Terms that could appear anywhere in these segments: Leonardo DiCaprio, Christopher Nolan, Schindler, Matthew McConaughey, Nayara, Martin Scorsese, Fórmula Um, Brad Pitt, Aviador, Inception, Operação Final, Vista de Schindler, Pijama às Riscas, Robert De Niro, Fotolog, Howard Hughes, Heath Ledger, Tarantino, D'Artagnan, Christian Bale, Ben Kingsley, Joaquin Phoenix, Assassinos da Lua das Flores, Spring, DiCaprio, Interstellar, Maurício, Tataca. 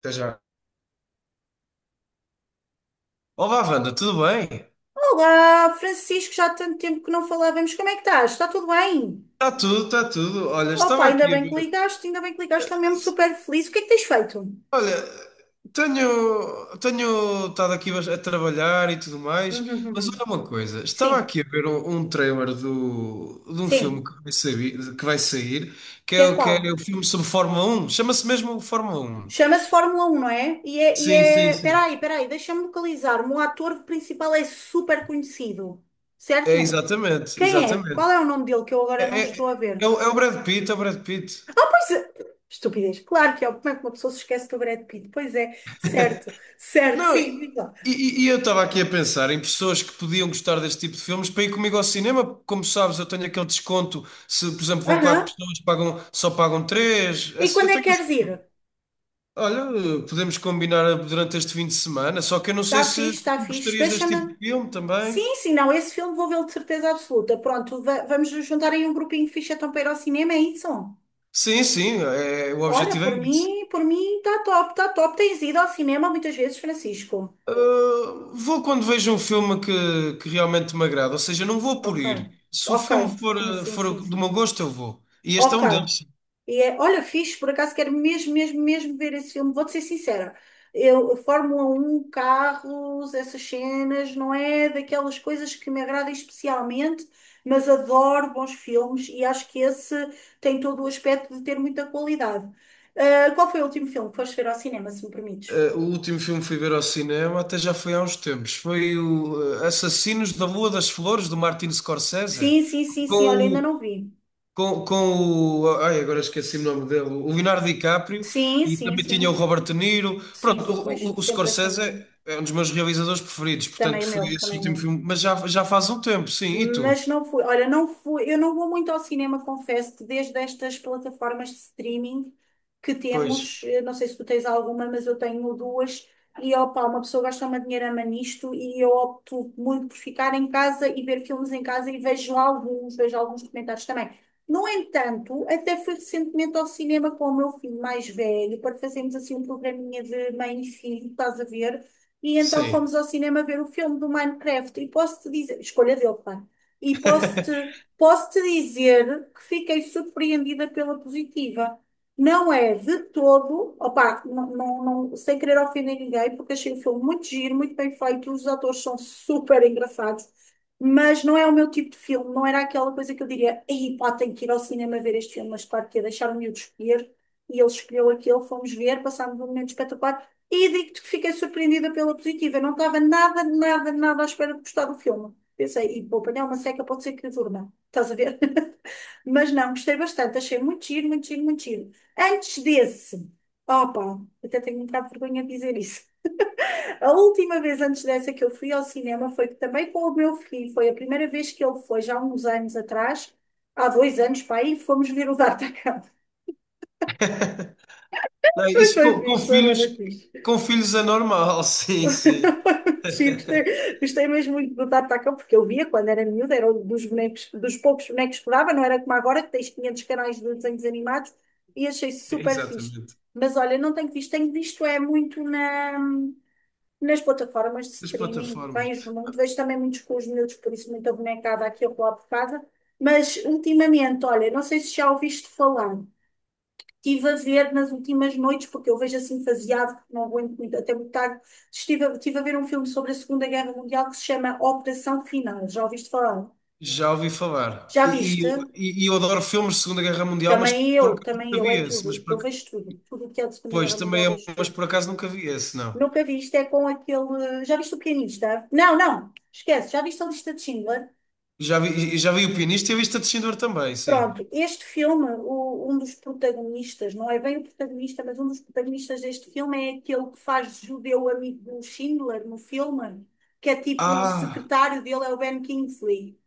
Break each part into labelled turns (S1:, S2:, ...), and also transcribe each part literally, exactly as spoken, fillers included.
S1: Até já. Olá, Wanda, tudo bem?
S2: Olá, Francisco, já há tanto tempo que não falávamos. Como é que estás? Está tudo bem?
S1: Está tudo, está tudo. Olha,
S2: Opa,
S1: estava
S2: ainda
S1: aqui a
S2: bem que
S1: ver.
S2: ligaste, ainda bem que ligaste, estou mesmo super feliz. O que é que tens feito?
S1: Olha, tenho, tenho estado aqui bas- a trabalhar e tudo mais, mas olha
S2: Uhum.
S1: uma coisa, estava
S2: Sim,
S1: aqui a ver um, um trailer do, de um filme
S2: sim,
S1: que vai sair, que vai sair, que
S2: que
S1: é,
S2: é
S1: o- que é
S2: qual?
S1: o filme sobre Fórmula Um. Chama-se mesmo Fórmula Um?
S2: Chama-se Fórmula Um, não é? E é, e
S1: Sim, sim,
S2: é...
S1: sim.
S2: Peraí, peraí, deixa-me localizar. O ator principal é super conhecido,
S1: É
S2: certo?
S1: exatamente,
S2: Quem é? Qual
S1: exatamente.
S2: é o nome dele que eu agora não
S1: É, é,
S2: estou a ver?
S1: é o é o Brad Pitt, é o Brad Pitt.
S2: Pois é. Estupidez. Claro que é. Como é que uma pessoa se esquece do Brad Pitt? Pois é, certo, certo,
S1: Não, e,
S2: sim, diz lá.
S1: e- e eu estava aqui a pensar em pessoas que podiam gostar deste tipo de filmes para ir comigo ao cinema. Como sabes, eu tenho aquele desconto. Se, por exemplo, vão quatro
S2: Aham.
S1: pessoas, pagam, só pagam três.
S2: E
S1: Esse- Eu
S2: quando é que
S1: tenho esse-
S2: queres ir?
S1: Olha, podemos combinar durante este fim de semana, só que eu não sei
S2: Está
S1: se
S2: fixe, está
S1: tu
S2: fixe.
S1: gostarias deste tipo
S2: Deixa-me.
S1: de filme também.
S2: Sim, sim, não, esse filme vou vê-lo de certeza absoluta. Pronto, va- vamos nos juntar aí um grupinho fixe então para ir ao cinema, é isso?
S1: Sim, sim, é, o
S2: Olha,
S1: objetivo é
S2: por
S1: esse.
S2: mim, por mim está top, está top. Tens ido ao cinema muitas vezes, Francisco?
S1: Uh, vou quando vejo um filme que, que realmente me agrada, ou seja, não vou por
S2: Ok,
S1: ir. Se o
S2: ok,
S1: filme for,
S2: sim,
S1: uh,
S2: sim, sim,
S1: for do meu
S2: sim.
S1: gosto, eu vou. E este é
S2: Ok.
S1: um deles.
S2: E é, olha, fixe, por acaso quero mesmo, mesmo, mesmo ver esse filme. Vou-te ser sincera. Eu, Fórmula Um, carros, essas cenas, não é daquelas coisas que me agradam especialmente, mas adoro bons filmes e acho que esse tem todo o aspecto de ter muita qualidade. Ah, qual foi o último filme que foste ver ao cinema, se me permites?
S1: Eh, o último filme que fui ver ao cinema até já foi há uns tempos. Foi o eh, Assassinos da Lua das Flores, do Martin Scorsese,
S2: Sim, sim, sim,
S1: com
S2: sim, olha, ainda
S1: o,
S2: não vi.
S1: com, com o, ai, agora esqueci o nome dele, o Leonardo DiCaprio
S2: Sim,
S1: e
S2: sim,
S1: também tinha o
S2: sim.
S1: Robert De Niro.
S2: Sim,
S1: Pronto,
S2: sim, pois,
S1: o, o, o
S2: sempre assim,
S1: Scorsese é um dos meus realizadores preferidos, portanto
S2: também o
S1: foi
S2: meu,
S1: esse
S2: também o
S1: último
S2: meu.
S1: filme, mas já, já faz um tempo, sim. E tu?
S2: Mas não fui, olha, não fui, eu não vou muito ao cinema, confesso-te, desde estas plataformas de streaming que
S1: Pois,
S2: temos, eh, não sei se tu tens alguma, mas eu tenho duas, e opa, uma pessoa gasta uma dinheirama nisto e eu opto muito por ficar em casa e ver filmes em casa e vejo alguns, vejo alguns comentários também. No entanto, até fui recentemente ao cinema com o meu filho mais velho para fazermos assim um programinha de mãe e filho, estás a ver? E então
S1: sim.
S2: fomos ao cinema ver o filme do Minecraft. E posso-te dizer, escolha dele, claro. E posso-te posso-te dizer que fiquei surpreendida pela positiva. Não é de todo, opá, não, não, não- sem querer ofender ninguém, porque achei o filme muito giro, muito bem feito, os atores são super engraçados, mas não é o meu tipo de filme, não era aquela coisa que eu diria, ei pá, tenho que ir ao cinema ver este filme, mas claro que ia deixar-me eu escolher, e ele escolheu aquele, fomos ver, passámos um momento espetacular, e digo-te que fiquei surpreendida pela positiva, eu não estava nada, nada, nada à espera de gostar do filme. Pensei, e vou apanhar uma seca, pode ser que durma. Estás a ver? Mas não, gostei bastante. Achei muito giro, muito giro, muito giro. Antes desse, opa, até tenho um bocado de vergonha de dizer isso. A última vez antes dessa que eu fui ao cinema foi que também com o meu filho. Foi a primeira vez que ele foi, já há uns anos atrás, há dois anos, para aí, fomos ver o D'Artagnan.
S1: Não,
S2: Mas
S1: isso
S2: foi
S1: com, com
S2: fixe, foi bem
S1: filhos,
S2: fixe.
S1: com filhos é normal, sim, sim.
S2: Sim, gostei, gostei mesmo muito do Tataca, porque eu via quando era miúda, era um dos bonecos, dos poucos bonecos que dava, não era como agora, que tens quinhentos canais de desenhos animados, e achei super fixe.
S1: Exatamente.
S2: Mas olha, não tenho visto, tenho visto é muito na, nas plataformas de
S1: Das
S2: streaming,
S1: plataformas.
S2: vejo muito, vejo também muitos com os miúdos, por isso muita bonecada aqui ou lá por casa, mas ultimamente, olha, não sei se já ouviste falar, estive a ver nas últimas noites, porque eu vejo assim faseado, porque não aguento muito, até muito tarde. Estive a, estive a ver um filme sobre a Segunda Guerra Mundial que se chama Operação Final. Já ouviste falar?
S1: Já ouvi falar.
S2: Já
S1: E, e,
S2: viste?
S1: e e eu adoro filmes de Segunda Guerra Mundial, mas
S2: Também
S1: por
S2: eu,
S1: acaso
S2: também
S1: nunca
S2: eu,
S1: vi
S2: é
S1: esse.
S2: tudo.
S1: Mas por,
S2: Eu
S1: ac-
S2: vejo tudo. Tudo o que é da Segunda
S1: pois,
S2: Guerra Mundial,
S1: também é,
S2: vejo
S1: mas
S2: tudo.
S1: por acaso nunca vi esse, não.
S2: Nunca viste, é com aquele. Já viste o pianista? Não, não, esquece. Já viste a lista de Schindler?
S1: Já vi, já vi o pianista e a Vista de Schindler também, sim.
S2: Pronto, este filme, o- um dos protagonistas, não é bem o protagonista, mas um dos protagonistas deste filme é aquele que faz de judeu amigo do Schindler no filme, que é tipo o
S1: Ah,
S2: secretário dele, é o Ben Kingsley.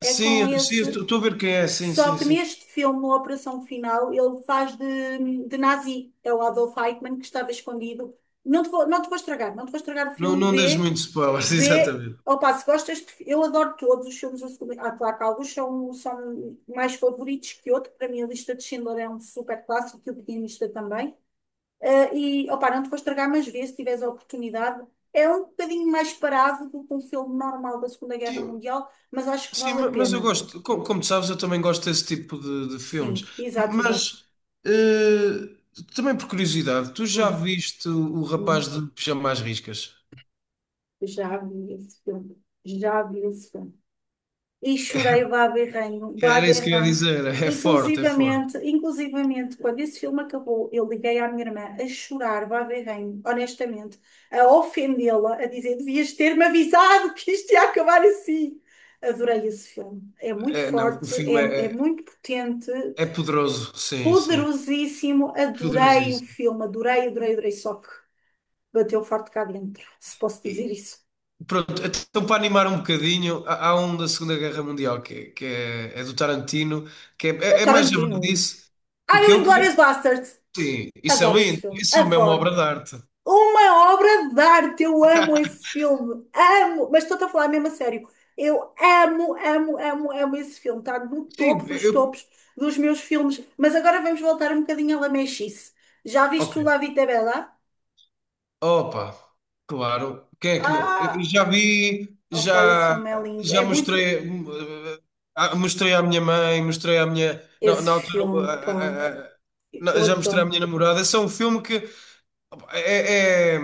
S2: É com
S1: sim, sim,
S2: esse
S1: estou a ver quem é, sim,
S2: só
S1: sim,
S2: que
S1: sim.
S2: neste filme, na Operação Final, ele faz de, de nazi. É o Adolf Eichmann que estava escondido. Não te vou, não te vou estragar, não te vou estragar o
S1: Não,
S2: filme.
S1: não deixes
S2: Vê,
S1: muito spoilers,
S2: vê.
S1: exatamente.
S2: Opa, se gostas, de fi- eu adoro todos os filmes da Segunda. Ah, claro que alguns são, são mais favoritos que outros. Para mim, a lista de Schindler é um super clássico e o Pianista também. Ah, e, opa, não te vou estragar, mas vê se tiveres a oportunidade. É um bocadinho mais parado do que um filme normal da Segunda Guerra
S1: Sim,
S2: Mundial, mas acho que
S1: sim,
S2: vale a
S1: ma- mas eu
S2: pena.
S1: gosto, co- como, tu sabes, eu também gosto desse tipo de, de filmes.
S2: Sim,
S1: M-
S2: exato, exato.
S1: Mas, eh, também por curiosidade, tu já
S2: Hum,
S1: viste o, o rapaz
S2: hum,
S1: de pijama às riscas?
S2: já vi esse filme. Já vi esse filme. E chorei vá berrenho, vá
S1: Era isso que eu ia
S2: berrenho.
S1: dizer. É forte, é forte.
S2: Inclusivamente, inclusivamente, quando esse filme acabou, eu liguei à minha irmã a chorar, vá berrenho, honestamente, a ofendê-la, a dizer, devias ter-me avisado que isto ia acabar assim. Adorei esse filme. É muito
S1: É, não, o
S2: forte, é,
S1: filme
S2: é
S1: é,
S2: muito potente,
S1: é poderoso, sim, sim.
S2: poderosíssimo. Adorei o
S1: Poderosíssimo.
S2: filme, adorei, adorei, adorei. Só que bateu forte cá dentro, se posso dizer
S1: E,
S2: isso.
S1: pronto, então para animar um bocadinho, há, há um da Segunda Guerra Mundial que, é, que é, é do Tarantino, que é, é, é mais
S2: Tarantino.
S1: javardice. O
S2: Ai,
S1: que
S2: o
S1: é o
S2: Inglourious
S1: quê?
S2: Basterds.
S1: Sim, isso é
S2: Adoro esse
S1: lindo.
S2: filme.
S1: Isso é uma obra
S2: Adoro.
S1: de arte.
S2: Uma obra de arte. Eu amo esse filme. Amo. Mas estou-te a falar mesmo a sério. Eu amo, amo, amo, amo esse filme. Está no topo
S1: Sim,
S2: dos
S1: eu.
S2: topos dos meus filmes. Mas agora vamos voltar um bocadinho à lamechice. Já
S1: Ok.
S2: viste o La Vita Bella?
S1: Opa, claro. Quem é que não? Eu
S2: Ah!
S1: já vi,
S2: Oh, pá, esse
S1: já,
S2: filme é lindo.
S1: já
S2: É muito...
S1: mostrei, hum, eh, ah, mostrei à minha mãe, mostrei à minha. Na,
S2: Esse
S1: na altura,
S2: filme,
S1: ah,
S2: pá.
S1: ah, ah, na-
S2: Eu
S1: já mostrei à minha
S2: adoro.
S1: namorada. Esse é um filme que opa, é, é-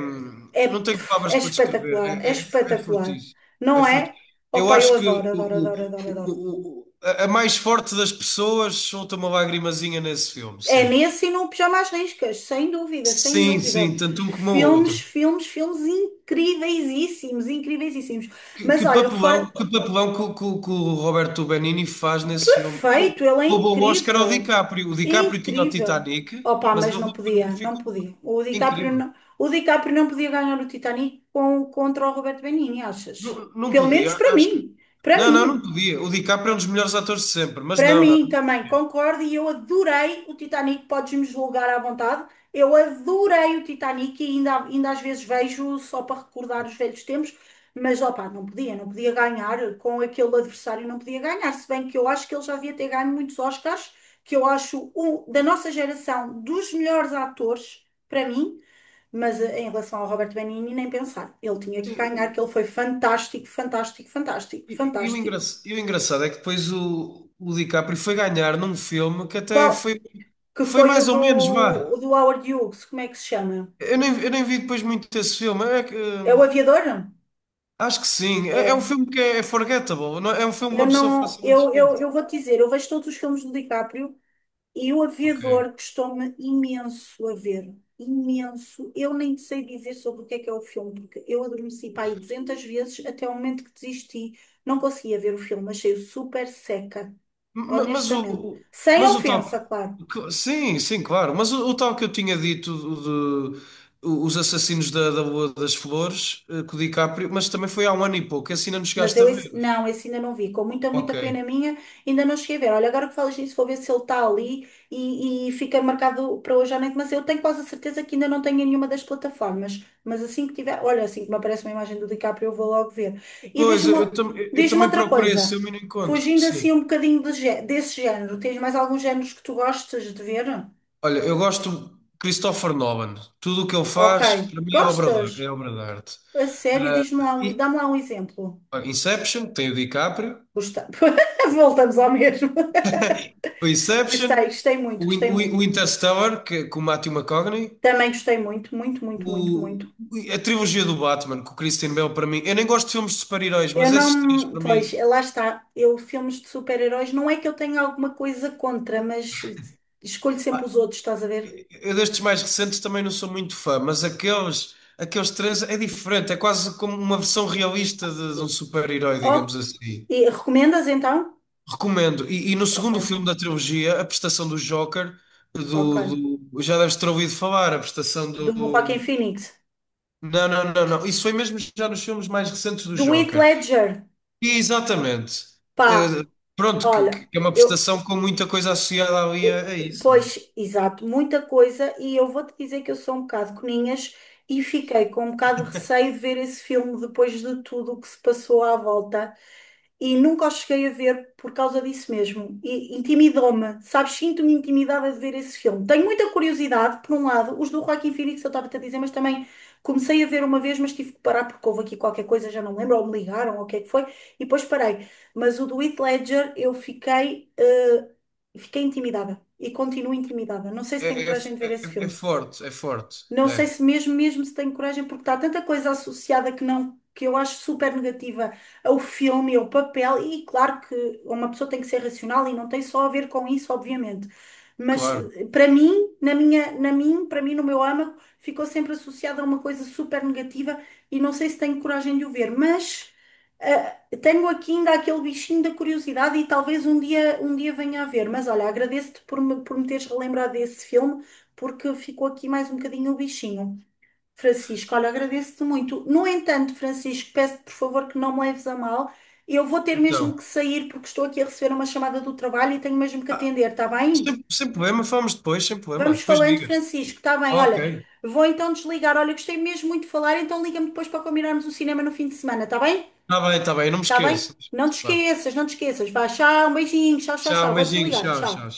S2: É,
S1: não tenho
S2: pff,
S1: palavras
S2: é
S1: para descrever.
S2: espetacular, é
S1: É, é, é
S2: espetacular.
S1: fortíssimo. É
S2: Não é?
S1: fortíssimo. Eu
S2: Opa, eu
S1: acho que
S2: adoro,
S1: o,
S2: adoro,
S1: o-
S2: adoro, adoro, adoro.
S1: o- o- a a mais forte das pessoas solta uma lagrimazinha nesse filme,
S2: É
S1: sim.
S2: nesse e no Pijama às Riscas, sem dúvida, sem
S1: Sim,
S2: dúvida.
S1: sim, tanto um como o
S2: Filmes,
S1: outro.
S2: filmes, filmes incríveisíssimos, incríveisíssimos.
S1: Que,
S2: Mas
S1: que
S2: olha,
S1: papelão,
S2: fora,
S1: que papelão que, o que o- que o Roberto Benigni faz nesse filme. Rou-
S2: perfeito, ele é
S1: Roubou o Oscar ao
S2: incrível.
S1: DiCaprio. O DiCaprio tinha o
S2: Incrível.
S1: Titanic,
S2: Opa,
S1: mas ele
S2: mas não
S1: roubou-
S2: podia, não
S1: ficou
S2: podia. O DiCaprio
S1: incrível.
S2: não, o DiCaprio não podia ganhar o Titanic com, contra o Roberto Benigni, achas?
S1: Não, não
S2: Pelo menos
S1: podia,
S2: para
S1: acho que.
S2: mim, para
S1: Não, não, não
S2: mim.
S1: podia. O DiCaprio é um dos melhores atores de sempre, mas
S2: Para
S1: não, não.
S2: mim também, concordo, e eu adorei o Titanic, podes-me julgar à vontade. Eu adorei o Titanic e ainda, ainda às vezes vejo só para recordar os velhos tempos, mas opá, não podia, não podia ganhar com aquele adversário, não podia ganhar, se bem que eu acho que ele já devia ter ganho muitos Oscars, que eu acho um da nossa geração dos melhores atores, para mim, mas eh, em relação ao Robert Benigni, nem pensar. Ele tinha que
S1: Sim,
S2: ganhar,
S1: o,
S2: que ele foi fantástico, fantástico, fantástico,
S1: e, e o engra-
S2: fantástico.
S1: e o engraçado é que depois o, o DiCaprio foi ganhar num filme que até
S2: Qual?
S1: foi,
S2: Que
S1: foi
S2: foi o
S1: mais
S2: do,
S1: ou menos,
S2: o
S1: vá.
S2: do Howard Hughes, como é que se chama?
S1: Eu nem, eu nem vi depois muito esse filme. É que,
S2: É o
S1: eh,
S2: Aviador?
S1: acho que sim. É, é um
S2: É.
S1: filme que é é forgettable. não- É é um filme que
S2: Eu
S1: uma pessoa
S2: não,
S1: facilmente
S2: eu, eu,
S1: esquece.
S2: eu vou-te dizer, eu vejo todos os filmes do DiCaprio e o
S1: Ok.
S2: Aviador custou-me imenso a ver. Imenso. Eu nem te sei dizer sobre o que é que é o filme, porque eu adormeci para aí duzentas vezes até o momento que desisti. Não conseguia ver o filme, achei-o super seca,
S1: Ma- Mas o,
S2: honestamente.
S1: o-
S2: Sem
S1: mas o tal.
S2: ofensa, claro.
S1: que- Sim, sim, claro. Mas o, o tal que eu tinha dito o de o- os Assassinos da, da Rua das Flores, eh, com o DiCaprio, mas também foi há um ano e pouco, assim não nos
S2: Mas
S1: chegaste a
S2: eu
S1: ver.
S2: esse, não, esse ainda não vi. Com muita, muita
S1: Ok.
S2: pena minha, ainda não cheguei a ver. Olha, agora que falas nisso, vou ver se ele está ali e, e fica marcado para hoje à noite. Mas eu tenho quase a certeza que ainda não tenho em nenhuma das plataformas. Mas assim que tiver, olha, assim que me aparece uma imagem do DiCaprio, eu vou logo ver. E
S1: Pois,
S2: diz-me,
S1: eu, eu tam- eu
S2: diz-me
S1: também
S2: outra
S1: procurei esse
S2: coisa.
S1: filme e não encontro.
S2: Fugindo
S1: Sim.
S2: assim um bocadinho de gé- desse género, tens mais alguns géneros que tu gostas de ver?
S1: Olha, eu gosto de Christopher Nolan. Tudo o que ele
S2: Ok.
S1: faz, para mim, é obra de, é
S2: Gostas?
S1: obra de arte.
S2: A sério, diz-me lá um,
S1: E
S2: dá-me lá um exemplo.
S1: olha, Inception, tem o DiCaprio.
S2: Gosta- Voltamos ao mesmo.
S1: O
S2: Gostei,
S1: Inception,
S2: gostei muito,
S1: o, In-
S2: gostei
S1: o In- o
S2: muito.
S1: Interstellar, que, com o Matthew McConaughey,
S2: Também gostei muito, muito, muito, muito,
S1: o,
S2: muito.
S1: a trilogia do Batman, com o Christian Bale, para mim. Eu nem gosto de filmes de super-heróis,
S2: Eu
S1: mas esses três,
S2: não.
S1: para
S2: Pois,
S1: mim.
S2: lá está. Eu, filmes de super-heróis, não é que eu tenha alguma coisa contra, mas escolho sempre os
S1: Ah,
S2: outros, estás a ver?
S1: eu destes mais recentes também não sou muito fã, mas aqueles, aqueles três é diferente, é quase como uma versão realista de, de um super-herói,
S2: Oh,
S1: digamos assim.
S2: e recomendas então?
S1: Recomendo. E, e no
S2: Ok,
S1: segundo filme da trilogia, a prestação do Joker,
S2: ok.
S1: do, do- já deves ter ouvido falar, a prestação
S2: Do Joaquin
S1: do.
S2: Phoenix.
S1: Não, não, não, não. Isso foi mesmo já nos filmes mais recentes do
S2: Do Heath
S1: Joker.
S2: Ledger.
S1: E exatamente.
S2: Pá,
S1: Eh, pronto, que,
S2: olha,
S1: que é uma
S2: eu,
S1: prestação com muita coisa associada ali a, a isso, não é?
S2: pois, exato, muita coisa, e eu vou-te dizer que eu sou um bocado coninhas e fiquei com um bocado de receio de ver esse filme depois de tudo o que se passou à volta e nunca os cheguei a ver por causa disso mesmo. E intimidou-me, sabes? Sinto-me intimidada de ver esse filme. Tenho muita curiosidade, por um lado, os do Joaquin Phoenix, eu estava-te a dizer, mas também comecei a ver uma vez, mas tive que parar porque houve aqui qualquer coisa, já não lembro, ou me ligaram, ou o que é que foi, e depois parei. Mas o do Heath Ledger, eu fiquei, eh, fiquei intimidada e continuo intimidada. Não sei se
S1: É,
S2: tenho
S1: é,
S2: coragem de ver esse
S1: é- é
S2: filme.
S1: forte, é forte.
S2: Não sei
S1: É,
S2: se mesmo, mesmo se tenho coragem, porque está tanta coisa associada que não, que eu acho super negativa ao filme, ao papel, e claro que uma pessoa tem que ser racional e não tem só a ver com isso, obviamente. Mas
S1: claro.
S2: eh, para mim, na minha, na mim, para mim, no meu âmago, ficou sempre associada a uma coisa super negativa e não sei se tenho coragem de o ver, mas eh, tenho aqui ainda aquele bichinho da curiosidade e talvez um dia, um dia venha a ver. Mas olha, agradeço-te por me, por me teres relembrado desse filme porque ficou aqui mais um bocadinho o bichinho. Francisco, olha, agradeço-te muito. No entanto, Francisco, peço-te por favor que não me leves a mal. Eu vou ter mesmo
S1: Então,
S2: que sair porque estou aqui a receber uma chamada do trabalho e tenho mesmo que
S1: ah,
S2: atender, está bem?
S1: sem, sem problema, falamos depois, sem problema.
S2: Vamos
S1: Depois
S2: falando,
S1: ligas.
S2: Francisco, está bem? Olha,
S1: Ok.
S2: vou então desligar. Olha, gostei mesmo muito de falar, então liga-me depois para combinarmos o cinema no fim de semana, está bem?
S1: Está bem, está bem, não me
S2: Está bem?
S1: esqueço.
S2: Não te
S1: Vá.
S2: esqueças, não te esqueças. Vá, tchau, um beijinho, tchau, tchau,
S1: Tchau,
S2: tchau. Vou
S1: beijinhos,
S2: desligar,
S1: tchau,
S2: tchau.
S1: tchau.